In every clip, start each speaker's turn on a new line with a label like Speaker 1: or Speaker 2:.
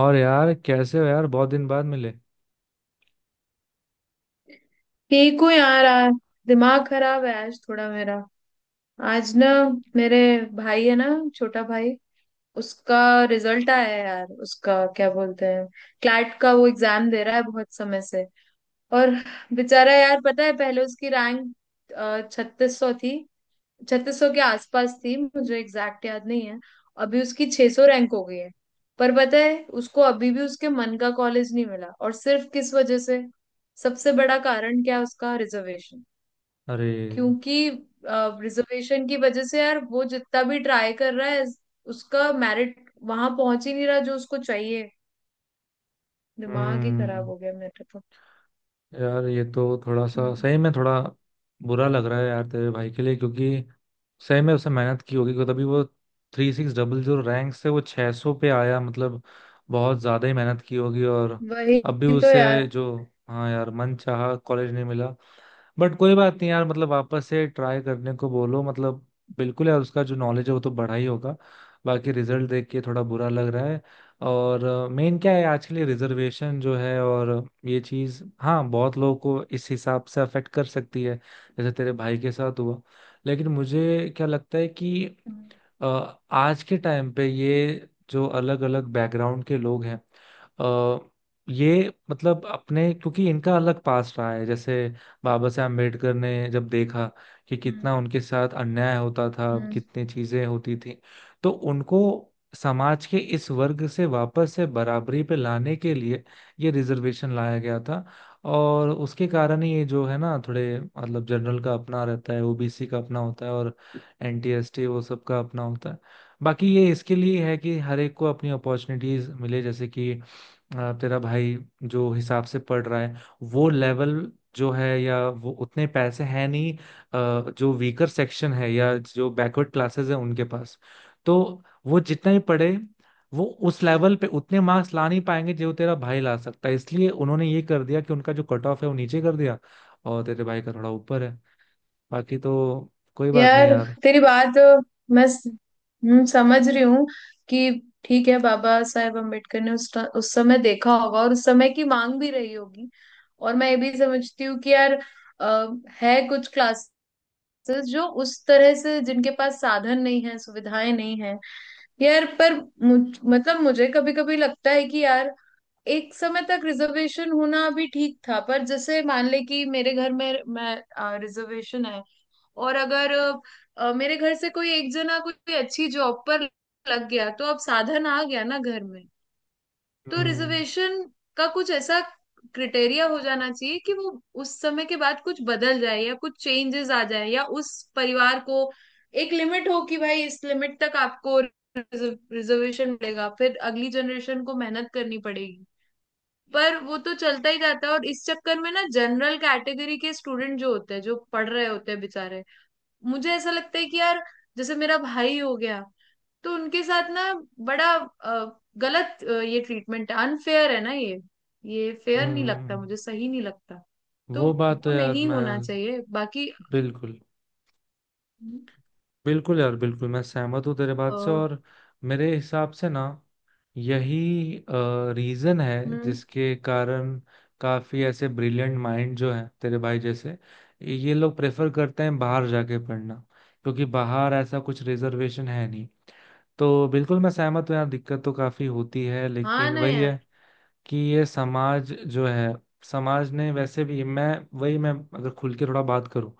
Speaker 1: और यार कैसे हो यार? बहुत दिन बाद मिले।
Speaker 2: ठीक हूँ यार। आज दिमाग खराब है आज थोड़ा मेरा। आज ना, मेरे भाई है ना, छोटा भाई, उसका रिजल्ट आया है यार। उसका क्या बोलते हैं, क्लैट का वो एग्जाम दे रहा है बहुत समय से। और बेचारा यार, पता है पहले उसकी रैंक 3600 थी। 3600 के आसपास थी, मुझे एग्जैक्ट याद नहीं है। अभी उसकी 600 रैंक हो गई है। पर पता है उसको अभी भी उसके मन का कॉलेज नहीं मिला, और सिर्फ किस वजह से? सबसे बड़ा कारण क्या है? उसका रिजर्वेशन।
Speaker 1: अरे।
Speaker 2: क्योंकि रिजर्वेशन की वजह से यार वो जितना भी ट्राई कर रहा है, उसका मेरिट वहां पहुंच ही नहीं रहा जो उसको चाहिए। दिमाग ही खराब
Speaker 1: हम्म।
Speaker 2: हो गया मेरा तो।
Speaker 1: यार ये तो थोड़ा सा
Speaker 2: हम्म।
Speaker 1: सही में थोड़ा बुरा लग रहा है यार तेरे भाई के लिए क्योंकि सही में उसने मेहनत की होगी क्योंकि तभी वो 3600 रैंक से वो 600 पे आया, मतलब बहुत ज्यादा ही मेहनत की होगी। और
Speaker 2: वही
Speaker 1: अब भी
Speaker 2: तो यार।
Speaker 1: उसे जो हाँ यार मन चाहा कॉलेज नहीं मिला। बट कोई बात नहीं यार, मतलब वापस से ट्राई करने को बोलो, मतलब बिल्कुल यार उसका जो नॉलेज है वो तो बढ़ा ही होगा। बाकी रिजल्ट देख के थोड़ा बुरा लग रहा है। और मेन क्या है आज के लिए रिजर्वेशन जो है। और ये चीज, हाँ, बहुत लोगों को इस हिसाब से अफेक्ट कर सकती है जैसे तेरे भाई के साथ हुआ। लेकिन मुझे क्या लगता है कि
Speaker 2: हम्म।
Speaker 1: आज के टाइम पे ये जो अलग अलग बैकग्राउंड के लोग हैं, अ, ये मतलब अपने क्योंकि इनका अलग पास्ट रहा है, जैसे बाबा साहब अम्बेडकर ने जब देखा कि
Speaker 2: हम्म।
Speaker 1: कितना उनके साथ अन्याय होता था,
Speaker 2: हम्म।
Speaker 1: कितनी चीजें होती थी, तो उनको समाज के इस वर्ग से वापस से बराबरी पे लाने के लिए ये रिजर्वेशन लाया गया था। और उसके कारण ही ये जो है ना थोड़े, मतलब जनरल का अपना रहता है, ओबीसी का अपना होता है और एनटीएसटी, वो सब का अपना होता है। बाकी ये इसके लिए है कि हर एक को अपनी अपॉर्चुनिटीज मिले, जैसे कि तेरा भाई जो हिसाब से पढ़ रहा है वो लेवल जो है या वो उतने पैसे हैं नहीं जो वीकर सेक्शन है या जो बैकवर्ड क्लासेस है उनके पास। तो वो जितना ही पढ़े वो उस लेवल पे उतने मार्क्स ला नहीं पाएंगे जो तेरा भाई ला सकता है, इसलिए उन्होंने ये कर दिया कि उनका जो कट ऑफ है वो नीचे कर दिया और तेरे भाई का थोड़ा ऊपर है। बाकी तो कोई बात नहीं
Speaker 2: यार
Speaker 1: यार।
Speaker 2: तेरी बात। मैं समझ रही हूँ कि ठीक है, बाबा साहेब अम्बेडकर ने उस समय देखा होगा और उस समय की मांग भी रही होगी। और मैं ये भी समझती हूँ कि यार, अ, है कुछ क्लास तो, जो उस तरह से जिनके पास साधन नहीं है, सुविधाएं नहीं है। यार पर मतलब मुझे कभी कभी लगता है कि यार, एक समय तक रिजर्वेशन होना भी ठीक था, पर जैसे मान ले कि मेरे घर में मैं, रिजर्वेशन है। और अगर मेरे घर से कोई एक जना कोई अच्छी जॉब पर लग गया, तो अब साधन आ गया ना घर में। तो
Speaker 1: हम्म।
Speaker 2: रिजर्वेशन का कुछ ऐसा क्रिटेरिया हो जाना चाहिए कि वो उस समय के बाद कुछ बदल जाए, या कुछ चेंजेस आ जाए, या उस परिवार को एक लिमिट हो कि भाई इस लिमिट तक आपको रिजर्वेशन मिलेगा, फिर अगली जनरेशन को मेहनत करनी पड़ेगी। पर वो तो चलता ही जाता है, और इस चक्कर में ना, जनरल कैटेगरी के स्टूडेंट जो होते हैं, जो पढ़ रहे होते हैं बेचारे, मुझे ऐसा लगता है कि यार, जैसे मेरा भाई हो गया, तो उनके साथ ना बड़ा गलत ये ट्रीटमेंट है, अनफेयर है ना ये। ये फेयर नहीं लगता
Speaker 1: हम्म।
Speaker 2: मुझे, सही नहीं लगता। तो
Speaker 1: वो बात तो
Speaker 2: वो
Speaker 1: यार
Speaker 2: नहीं
Speaker 1: मैं
Speaker 2: होना चाहिए बाकी।
Speaker 1: बिल्कुल। बिल्कुल यार, बिल्कुल मैं सहमत हूँ तेरे बात
Speaker 2: अ,
Speaker 1: से। और मेरे हिसाब से ना यही रीजन है
Speaker 2: हम्म।
Speaker 1: जिसके कारण काफी ऐसे ब्रिलियंट माइंड जो है तेरे भाई जैसे, ये लोग प्रेफर करते हैं बाहर जाके पढ़ना क्योंकि बाहर ऐसा कुछ रिजर्वेशन है नहीं। तो बिल्कुल मैं सहमत हूँ यार, दिक्कत तो काफी होती है।
Speaker 2: हाँ
Speaker 1: लेकिन
Speaker 2: ना
Speaker 1: वही
Speaker 2: यार।
Speaker 1: है कि ये समाज जो है, समाज ने वैसे भी, मैं वही, मैं अगर खुल के थोड़ा बात करूं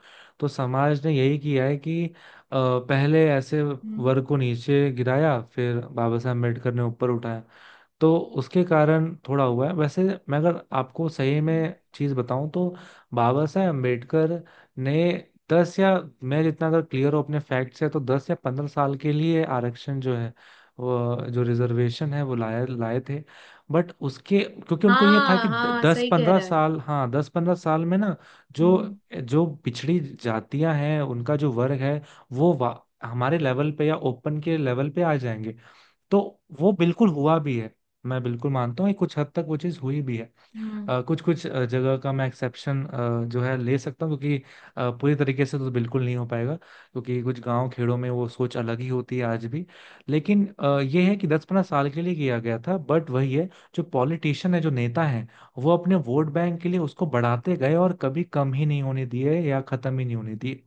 Speaker 1: तो समाज ने यही किया है कि पहले ऐसे
Speaker 2: हम्म।
Speaker 1: वर्ग को नीचे गिराया फिर बाबा साहब अम्बेडकर ने ऊपर उठाया। तो उसके कारण थोड़ा हुआ है वैसे। मैं अगर आपको सही
Speaker 2: हम्म।
Speaker 1: में चीज़ बताऊं तो बाबा साहेब अम्बेडकर ने दस या मैं जितना अगर क्लियर हूँ अपने फैक्ट से, तो 10 या 15 साल के लिए आरक्षण जो है, वो जो रिजर्वेशन है, वो लाए लाए थे। बट उसके, क्योंकि उनको ये था
Speaker 2: हाँ
Speaker 1: कि
Speaker 2: हाँ,
Speaker 1: दस
Speaker 2: सही कह
Speaker 1: पंद्रह
Speaker 2: रहा है।
Speaker 1: साल हाँ 10 15 साल में ना जो
Speaker 2: हम्म।
Speaker 1: जो पिछड़ी जातियां हैं उनका जो वर्ग है वो हमारे लेवल पे या ओपन के लेवल पे आ जाएंगे। तो वो बिल्कुल हुआ भी है, मैं बिल्कुल मानता हूँ कि कुछ हद तक वो चीज़ हुई भी है।
Speaker 2: हम्म।
Speaker 1: कुछ कुछ जगह का मैं एक्सेप्शन जो है ले सकता हूँ, क्योंकि पूरी तरीके से तो बिल्कुल नहीं हो पाएगा क्योंकि कुछ गांव खेड़ों में वो सोच अलग ही होती है आज भी। लेकिन ये है कि 10 15 साल के लिए किया गया था, बट वही है, जो पॉलिटिशियन है जो नेता है वो अपने वोट बैंक के लिए उसको बढ़ाते गए और कभी कम ही नहीं होने दिए या खत्म ही नहीं होने दिए।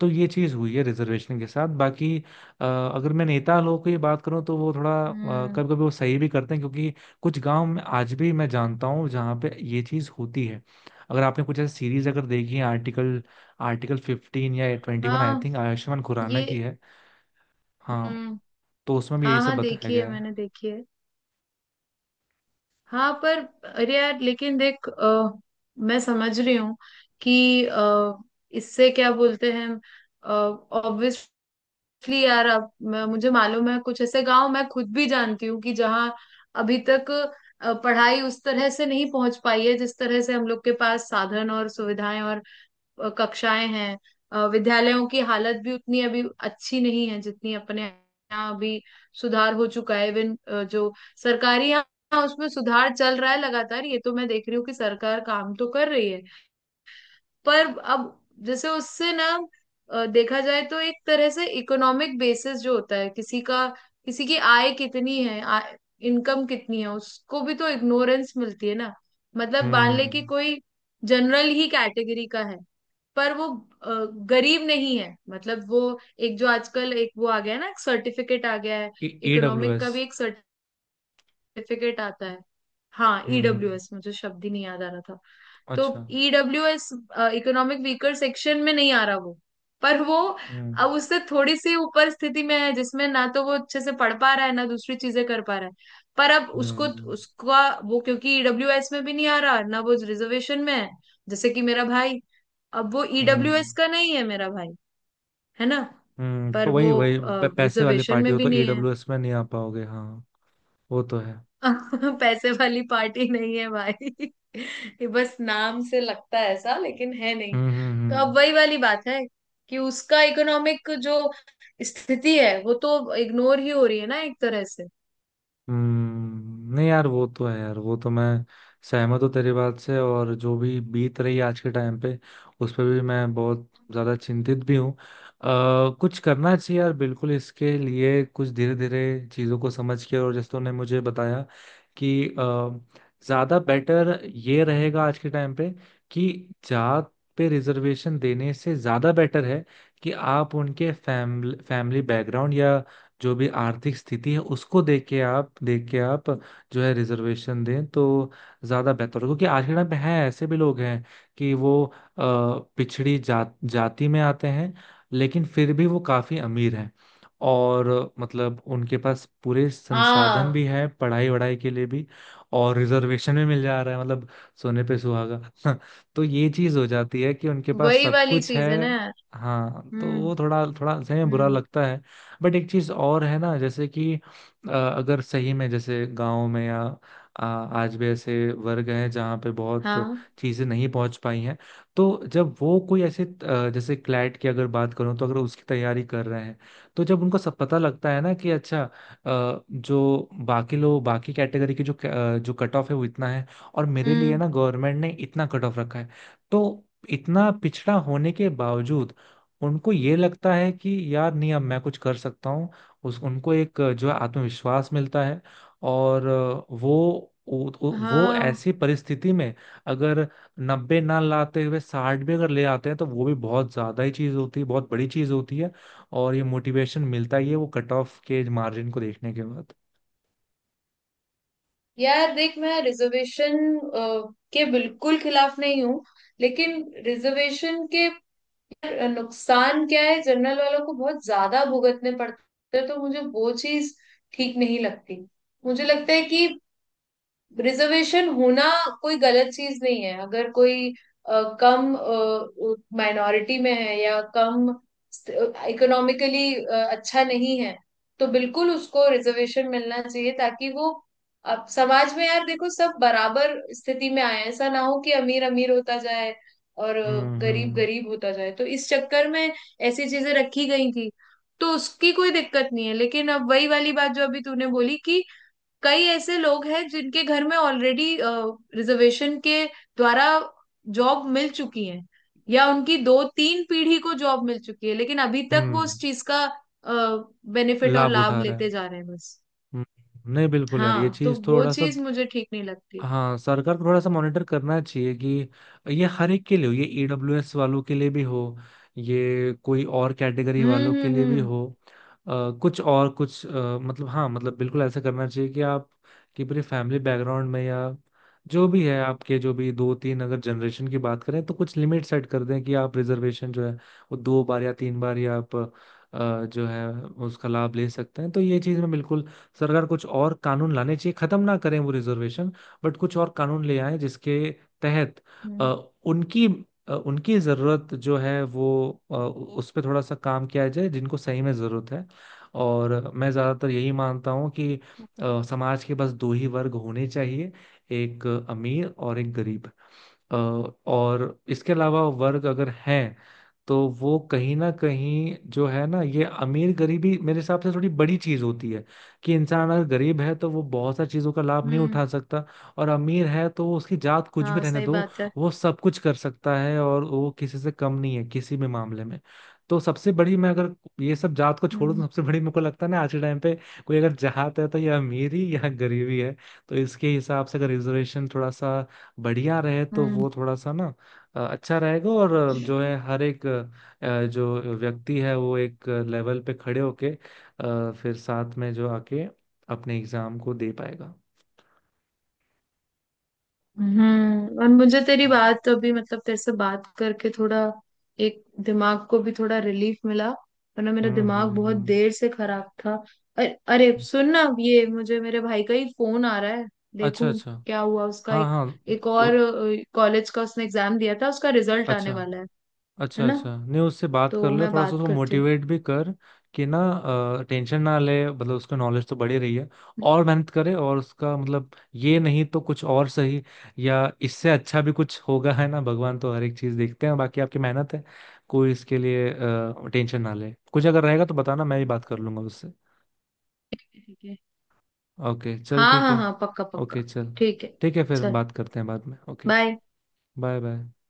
Speaker 1: तो ये चीज हुई है रिजर्वेशन के साथ। बाकी अगर मैं नेता लोगों की बात करूं तो वो थोड़ा
Speaker 2: हम्म।
Speaker 1: कभी कभी वो सही भी करते हैं, क्योंकि कुछ गांव में आज भी मैं जानता हूं जहां पे ये चीज होती है। अगर आपने कुछ ऐसी सीरीज अगर देखी है, आर्टिकल आर्टिकल 15 या 21, आई
Speaker 2: हाँ,
Speaker 1: थिंक आयुष्मान खुराना की
Speaker 2: ये।
Speaker 1: है। हाँ।
Speaker 2: हम्म।
Speaker 1: तो उसमें भी यही
Speaker 2: हाँ
Speaker 1: सब
Speaker 2: हाँ
Speaker 1: बताया
Speaker 2: देखी है,
Speaker 1: गया है।
Speaker 2: मैंने देखी है। हाँ पर, अरे यार लेकिन देख, मैं समझ रही हूँ कि इससे क्या बोलते हैं, ऑब्वियसली यार, अब मुझे मालूम है कुछ ऐसे गांव मैं खुद भी जानती हूँ, कि जहाँ अभी तक पढ़ाई उस तरह से नहीं पहुंच पाई है जिस तरह से हम लोग के पास साधन और सुविधाएं और कक्षाएं हैं। विद्यालयों की हालत भी उतनी अभी अच्छी नहीं है जितनी अपने यहाँ अभी सुधार हो चुका है, इवन जो सरकारी, यहाँ उसमें सुधार चल रहा है लगातार। ये तो मैं देख रही हूँ कि सरकार काम तो कर रही है। पर अब जैसे उससे ना देखा जाए तो एक तरह से, इकोनॉमिक बेसिस जो होता है किसी का, किसी की आय कितनी है, आय, इनकम कितनी है, उसको भी तो इग्नोरेंस मिलती है ना। मतलब मान ले कि
Speaker 1: हम्म।
Speaker 2: कोई जनरल ही कैटेगरी का है, पर वो अ, गरीब नहीं है। मतलब वो एक, जो आजकल एक वो आ गया है ना, सर्टिफिकेट आ गया है,
Speaker 1: ए डब्ल्यू
Speaker 2: इकोनॉमिक का
Speaker 1: एस।
Speaker 2: भी एक सर्टिफिकेट आता है। हाँ,
Speaker 1: हम्म।
Speaker 2: ईडब्ल्यूएस, मुझे शब्द ही नहीं याद आ रहा था। तो
Speaker 1: अच्छा।
Speaker 2: E W S, economic weaker section में नहीं आ रहा वो। पर वो
Speaker 1: हम्म।
Speaker 2: अब उससे थोड़ी सी ऊपर स्थिति में है, जिसमें ना तो वो अच्छे से पढ़ पा रहा है, ना दूसरी चीजें कर पा रहा है। पर अब उसको,
Speaker 1: हम्म।
Speaker 2: उसका वो, क्योंकि ईडब्ल्यू एस में भी नहीं आ रहा ना, वो रिजर्वेशन में है। जैसे कि मेरा भाई। अब वो ईडब्ल्यू
Speaker 1: हम्म।
Speaker 2: एस का नहीं है मेरा भाई, है ना। पर
Speaker 1: तो
Speaker 2: वो
Speaker 1: वही वही पैसे वाली
Speaker 2: रिजर्वेशन
Speaker 1: पार्टी
Speaker 2: में
Speaker 1: हो
Speaker 2: भी
Speaker 1: तो ए
Speaker 2: नहीं है।
Speaker 1: डब्ल्यू एस में नहीं आ पाओगे, हाँ। वो तो है।
Speaker 2: पैसे वाली पार्टी नहीं है भाई। ये बस नाम से लगता है ऐसा, लेकिन है नहीं।
Speaker 1: हम्म। हम्म।
Speaker 2: तो अब
Speaker 1: हम्म।
Speaker 2: वही वाली बात है, कि उसका इकोनॉमिक जो स्थिति है, वो तो इग्नोर ही हो रही है ना, एक तरह से।
Speaker 1: नहीं यार वो तो है यार, वो तो मैं सहमत हूँ तेरी बात से। और जो भी बीत रही है आज के टाइम पे, उस पर भी मैं बहुत ज्यादा चिंतित भी हूँ। कुछ करना चाहिए यार बिल्कुल इसके लिए, कुछ धीरे धीरे चीजों को समझ के। और जैसे तूने मुझे बताया कि ज्यादा बेटर ये रहेगा आज के टाइम पे कि जात पे रिजर्वेशन देने से ज्यादा बेटर है कि आप उनके फैमिली फैमिली बैकग्राउंड या जो भी आर्थिक स्थिति है उसको देख के आप जो है रिजर्वेशन दें तो ज्यादा बेहतर होगा। क्योंकि आज के टाइम पे हैं, ऐसे भी लोग हैं कि वो पिछड़ी जात जाति में आते हैं लेकिन फिर भी वो काफी अमीर हैं। और मतलब उनके पास पूरे संसाधन
Speaker 2: हाँ,
Speaker 1: भी हैं पढ़ाई वढ़ाई के लिए भी और रिजर्वेशन भी मिल जा रहा है, मतलब सोने पे सुहागा। तो ये चीज हो जाती है कि उनके पास
Speaker 2: वही
Speaker 1: सब
Speaker 2: वाली
Speaker 1: कुछ
Speaker 2: चीज है ना
Speaker 1: है।
Speaker 2: यार।
Speaker 1: हाँ तो
Speaker 2: हम्म।
Speaker 1: वो थोड़ा थोड़ा सही में बुरा
Speaker 2: हम्म।
Speaker 1: लगता है। बट एक चीज और है ना, जैसे कि अगर सही में, जैसे गांव में या आज भी ऐसे वर्ग हैं जहाँ पे बहुत
Speaker 2: हाँ।
Speaker 1: चीजें नहीं पहुंच पाई हैं, तो जब वो कोई ऐसे जैसे क्लैट की अगर बात करूँ तो अगर उसकी तैयारी कर रहे हैं, तो जब उनको सब पता लगता है ना कि अच्छा, जो बाकी लोग बाकी कैटेगरी की जो जो कट ऑफ है वो इतना है और मेरे लिए
Speaker 2: हम्म।
Speaker 1: ना गवर्नमेंट ने इतना कट ऑफ रखा है। तो इतना पिछड़ा होने के बावजूद उनको ये लगता है कि यार नहीं, अब मैं कुछ कर सकता हूँ। उस उनको एक जो है आत्मविश्वास मिलता है। और वो वो
Speaker 2: हाँ
Speaker 1: ऐसी परिस्थिति में अगर 90 ना लाते हुए 60 भी अगर ले आते हैं तो वो भी बहुत ज्यादा ही चीज होती है, बहुत बड़ी चीज होती है। और ये मोटिवेशन मिलता ही है वो कट ऑफ के मार्जिन को देखने के बाद।
Speaker 2: यार देख, मैं रिजर्वेशन के बिल्कुल खिलाफ नहीं हूँ, लेकिन रिजर्वेशन के यार नुकसान क्या है, जनरल वालों को बहुत ज्यादा भुगतने पड़ते हैं, तो मुझे वो चीज ठीक नहीं लगती। मुझे लगता है कि रिजर्वेशन होना कोई गलत चीज नहीं है। अगर कोई कम, माइनॉरिटी में है, या कम इकोनॉमिकली अच्छा नहीं है, तो बिल्कुल उसको रिजर्वेशन मिलना चाहिए, ताकि वो, अब समाज में यार देखो, सब बराबर स्थिति में आए हैं। ऐसा ना हो कि अमीर अमीर होता जाए और
Speaker 1: हम्म।
Speaker 2: गरीब
Speaker 1: हम्म।
Speaker 2: गरीब होता जाए, तो इस चक्कर में ऐसी चीजें रखी गई थी। तो उसकी कोई दिक्कत नहीं है, लेकिन अब वही वाली बात जो अभी तूने बोली, कि कई ऐसे लोग हैं जिनके घर में ऑलरेडी रिजर्वेशन के द्वारा जॉब मिल चुकी है, या उनकी दो तीन पीढ़ी को जॉब मिल चुकी है, लेकिन अभी तक वो
Speaker 1: हम्म।
Speaker 2: उस चीज का बेनिफिट और
Speaker 1: लाभ
Speaker 2: लाभ
Speaker 1: उठा रहे हैं।
Speaker 2: लेते जा रहे हैं बस।
Speaker 1: हम्म, नहीं बिल्कुल यार ये
Speaker 2: हाँ, तो
Speaker 1: चीज
Speaker 2: वो
Speaker 1: थोड़ा सा।
Speaker 2: चीज मुझे ठीक नहीं लगती।
Speaker 1: हाँ सरकार को थोड़ा सा मॉनिटर करना चाहिए कि ये हर एक के लिए हो, ये ईडब्ल्यूएस वालों के लिए भी हो, ये कोई और कैटेगरी
Speaker 2: हम्म।
Speaker 1: वालों के
Speaker 2: हम्म।
Speaker 1: लिए भी
Speaker 2: हम्म।
Speaker 1: हो। कुछ और कुछ मतलब हाँ, मतलब बिल्कुल ऐसा करना चाहिए कि आप कि पूरे फैमिली बैकग्राउंड में या जो भी है आपके जो भी दो तीन अगर जनरेशन की बात करें तो कुछ लिमिट सेट कर दें कि आप रिजर्वेशन जो है वो दो बार या तीन बार या आप जो है उसका लाभ ले सकते हैं। तो ये चीज़ में बिल्कुल सरकार कुछ और कानून लाने चाहिए, खत्म ना करें वो रिजर्वेशन, बट कुछ और कानून ले आए जिसके तहत अ,
Speaker 2: हम्म।
Speaker 1: उनकी उनकी ज़रूरत जो है वो उस पर थोड़ा सा काम किया जाए जिनको सही में ज़रूरत है। और मैं ज़्यादातर यही मानता हूँ कि समाज के बस दो ही वर्ग होने चाहिए, एक अमीर और एक गरीब। और इसके अलावा वर्ग अगर हैं तो वो कहीं ना कहीं जो है ना, ये अमीर गरीबी मेरे हिसाब से थोड़ी बड़ी चीज होती है कि इंसान अगर गरीब है तो वो बहुत सारी चीजों का लाभ नहीं
Speaker 2: हम्म।
Speaker 1: उठा सकता, और अमीर है तो उसकी जात कुछ भी
Speaker 2: हाँ,
Speaker 1: रहने
Speaker 2: सही
Speaker 1: दो,
Speaker 2: बात है।
Speaker 1: वो सब कुछ कर सकता है और वो किसी से कम नहीं है किसी भी मामले में। तो सबसे बड़ी, मैं अगर ये सब जात को छोड़ दूं,
Speaker 2: हम्म।
Speaker 1: सबसे बड़ी मेरे को लगता है ना आज के टाइम पे कोई अगर जात है तो ये अमीरी या गरीबी है। तो इसके हिसाब से अगर रिजर्वेशन थोड़ा सा बढ़िया रहे तो
Speaker 2: हम्म।
Speaker 1: वो थोड़ा सा ना अच्छा रहेगा और जो है हर एक जो व्यक्ति है वो एक लेवल पे खड़े होके फिर साथ में जो आके अपने एग्जाम को दे पाएगा।
Speaker 2: हम्म। और मुझे तेरी बात अभी, मतलब तेरे से बात करके थोड़ा, एक दिमाग को भी थोड़ा रिलीफ मिला, वरना मेरा
Speaker 1: हम्म।
Speaker 2: दिमाग
Speaker 1: हम्म।
Speaker 2: बहुत
Speaker 1: हम्म।
Speaker 2: देर से खराब था। अरे, अरे सुन ना, ये मुझे मेरे भाई का ही फोन आ रहा है,
Speaker 1: अच्छा
Speaker 2: देखूं
Speaker 1: अच्छा।
Speaker 2: क्या हुआ। उसका
Speaker 1: हाँ
Speaker 2: एक
Speaker 1: हाँ।
Speaker 2: एक
Speaker 1: उ,
Speaker 2: और कॉलेज का उसने एग्जाम दिया था, उसका रिजल्ट आने
Speaker 1: अच्छा
Speaker 2: वाला है। है
Speaker 1: अच्छा।
Speaker 2: ना,
Speaker 1: अच्छा नहीं, उससे बात कर
Speaker 2: तो
Speaker 1: ले
Speaker 2: मैं
Speaker 1: थोड़ा सा,
Speaker 2: बात
Speaker 1: उसको
Speaker 2: करती हूँ।
Speaker 1: मोटिवेट भी कर कि ना टेंशन ना ले, मतलब उसका नॉलेज तो बढ़ी रही है और मेहनत करे, और उसका मतलब ये नहीं तो कुछ और सही या इससे अच्छा भी कुछ होगा, है ना? भगवान तो हर एक चीज देखते हैं, बाकी आपकी मेहनत है। कोई इसके लिए टेंशन ना ले, कुछ अगर रहेगा तो बताना, मैं भी
Speaker 2: हम्म,
Speaker 1: बात कर लूंगा उससे।
Speaker 2: ठीक है।
Speaker 1: ओके चल
Speaker 2: हाँ
Speaker 1: ठीक
Speaker 2: हाँ
Speaker 1: है।
Speaker 2: हाँ, पक्का
Speaker 1: ओके
Speaker 2: पक्का।
Speaker 1: चल,
Speaker 2: ठीक है।
Speaker 1: ठीक है फिर
Speaker 2: चल,
Speaker 1: बात करते हैं बाद में, ओके।
Speaker 2: बाय।
Speaker 1: Bye bye.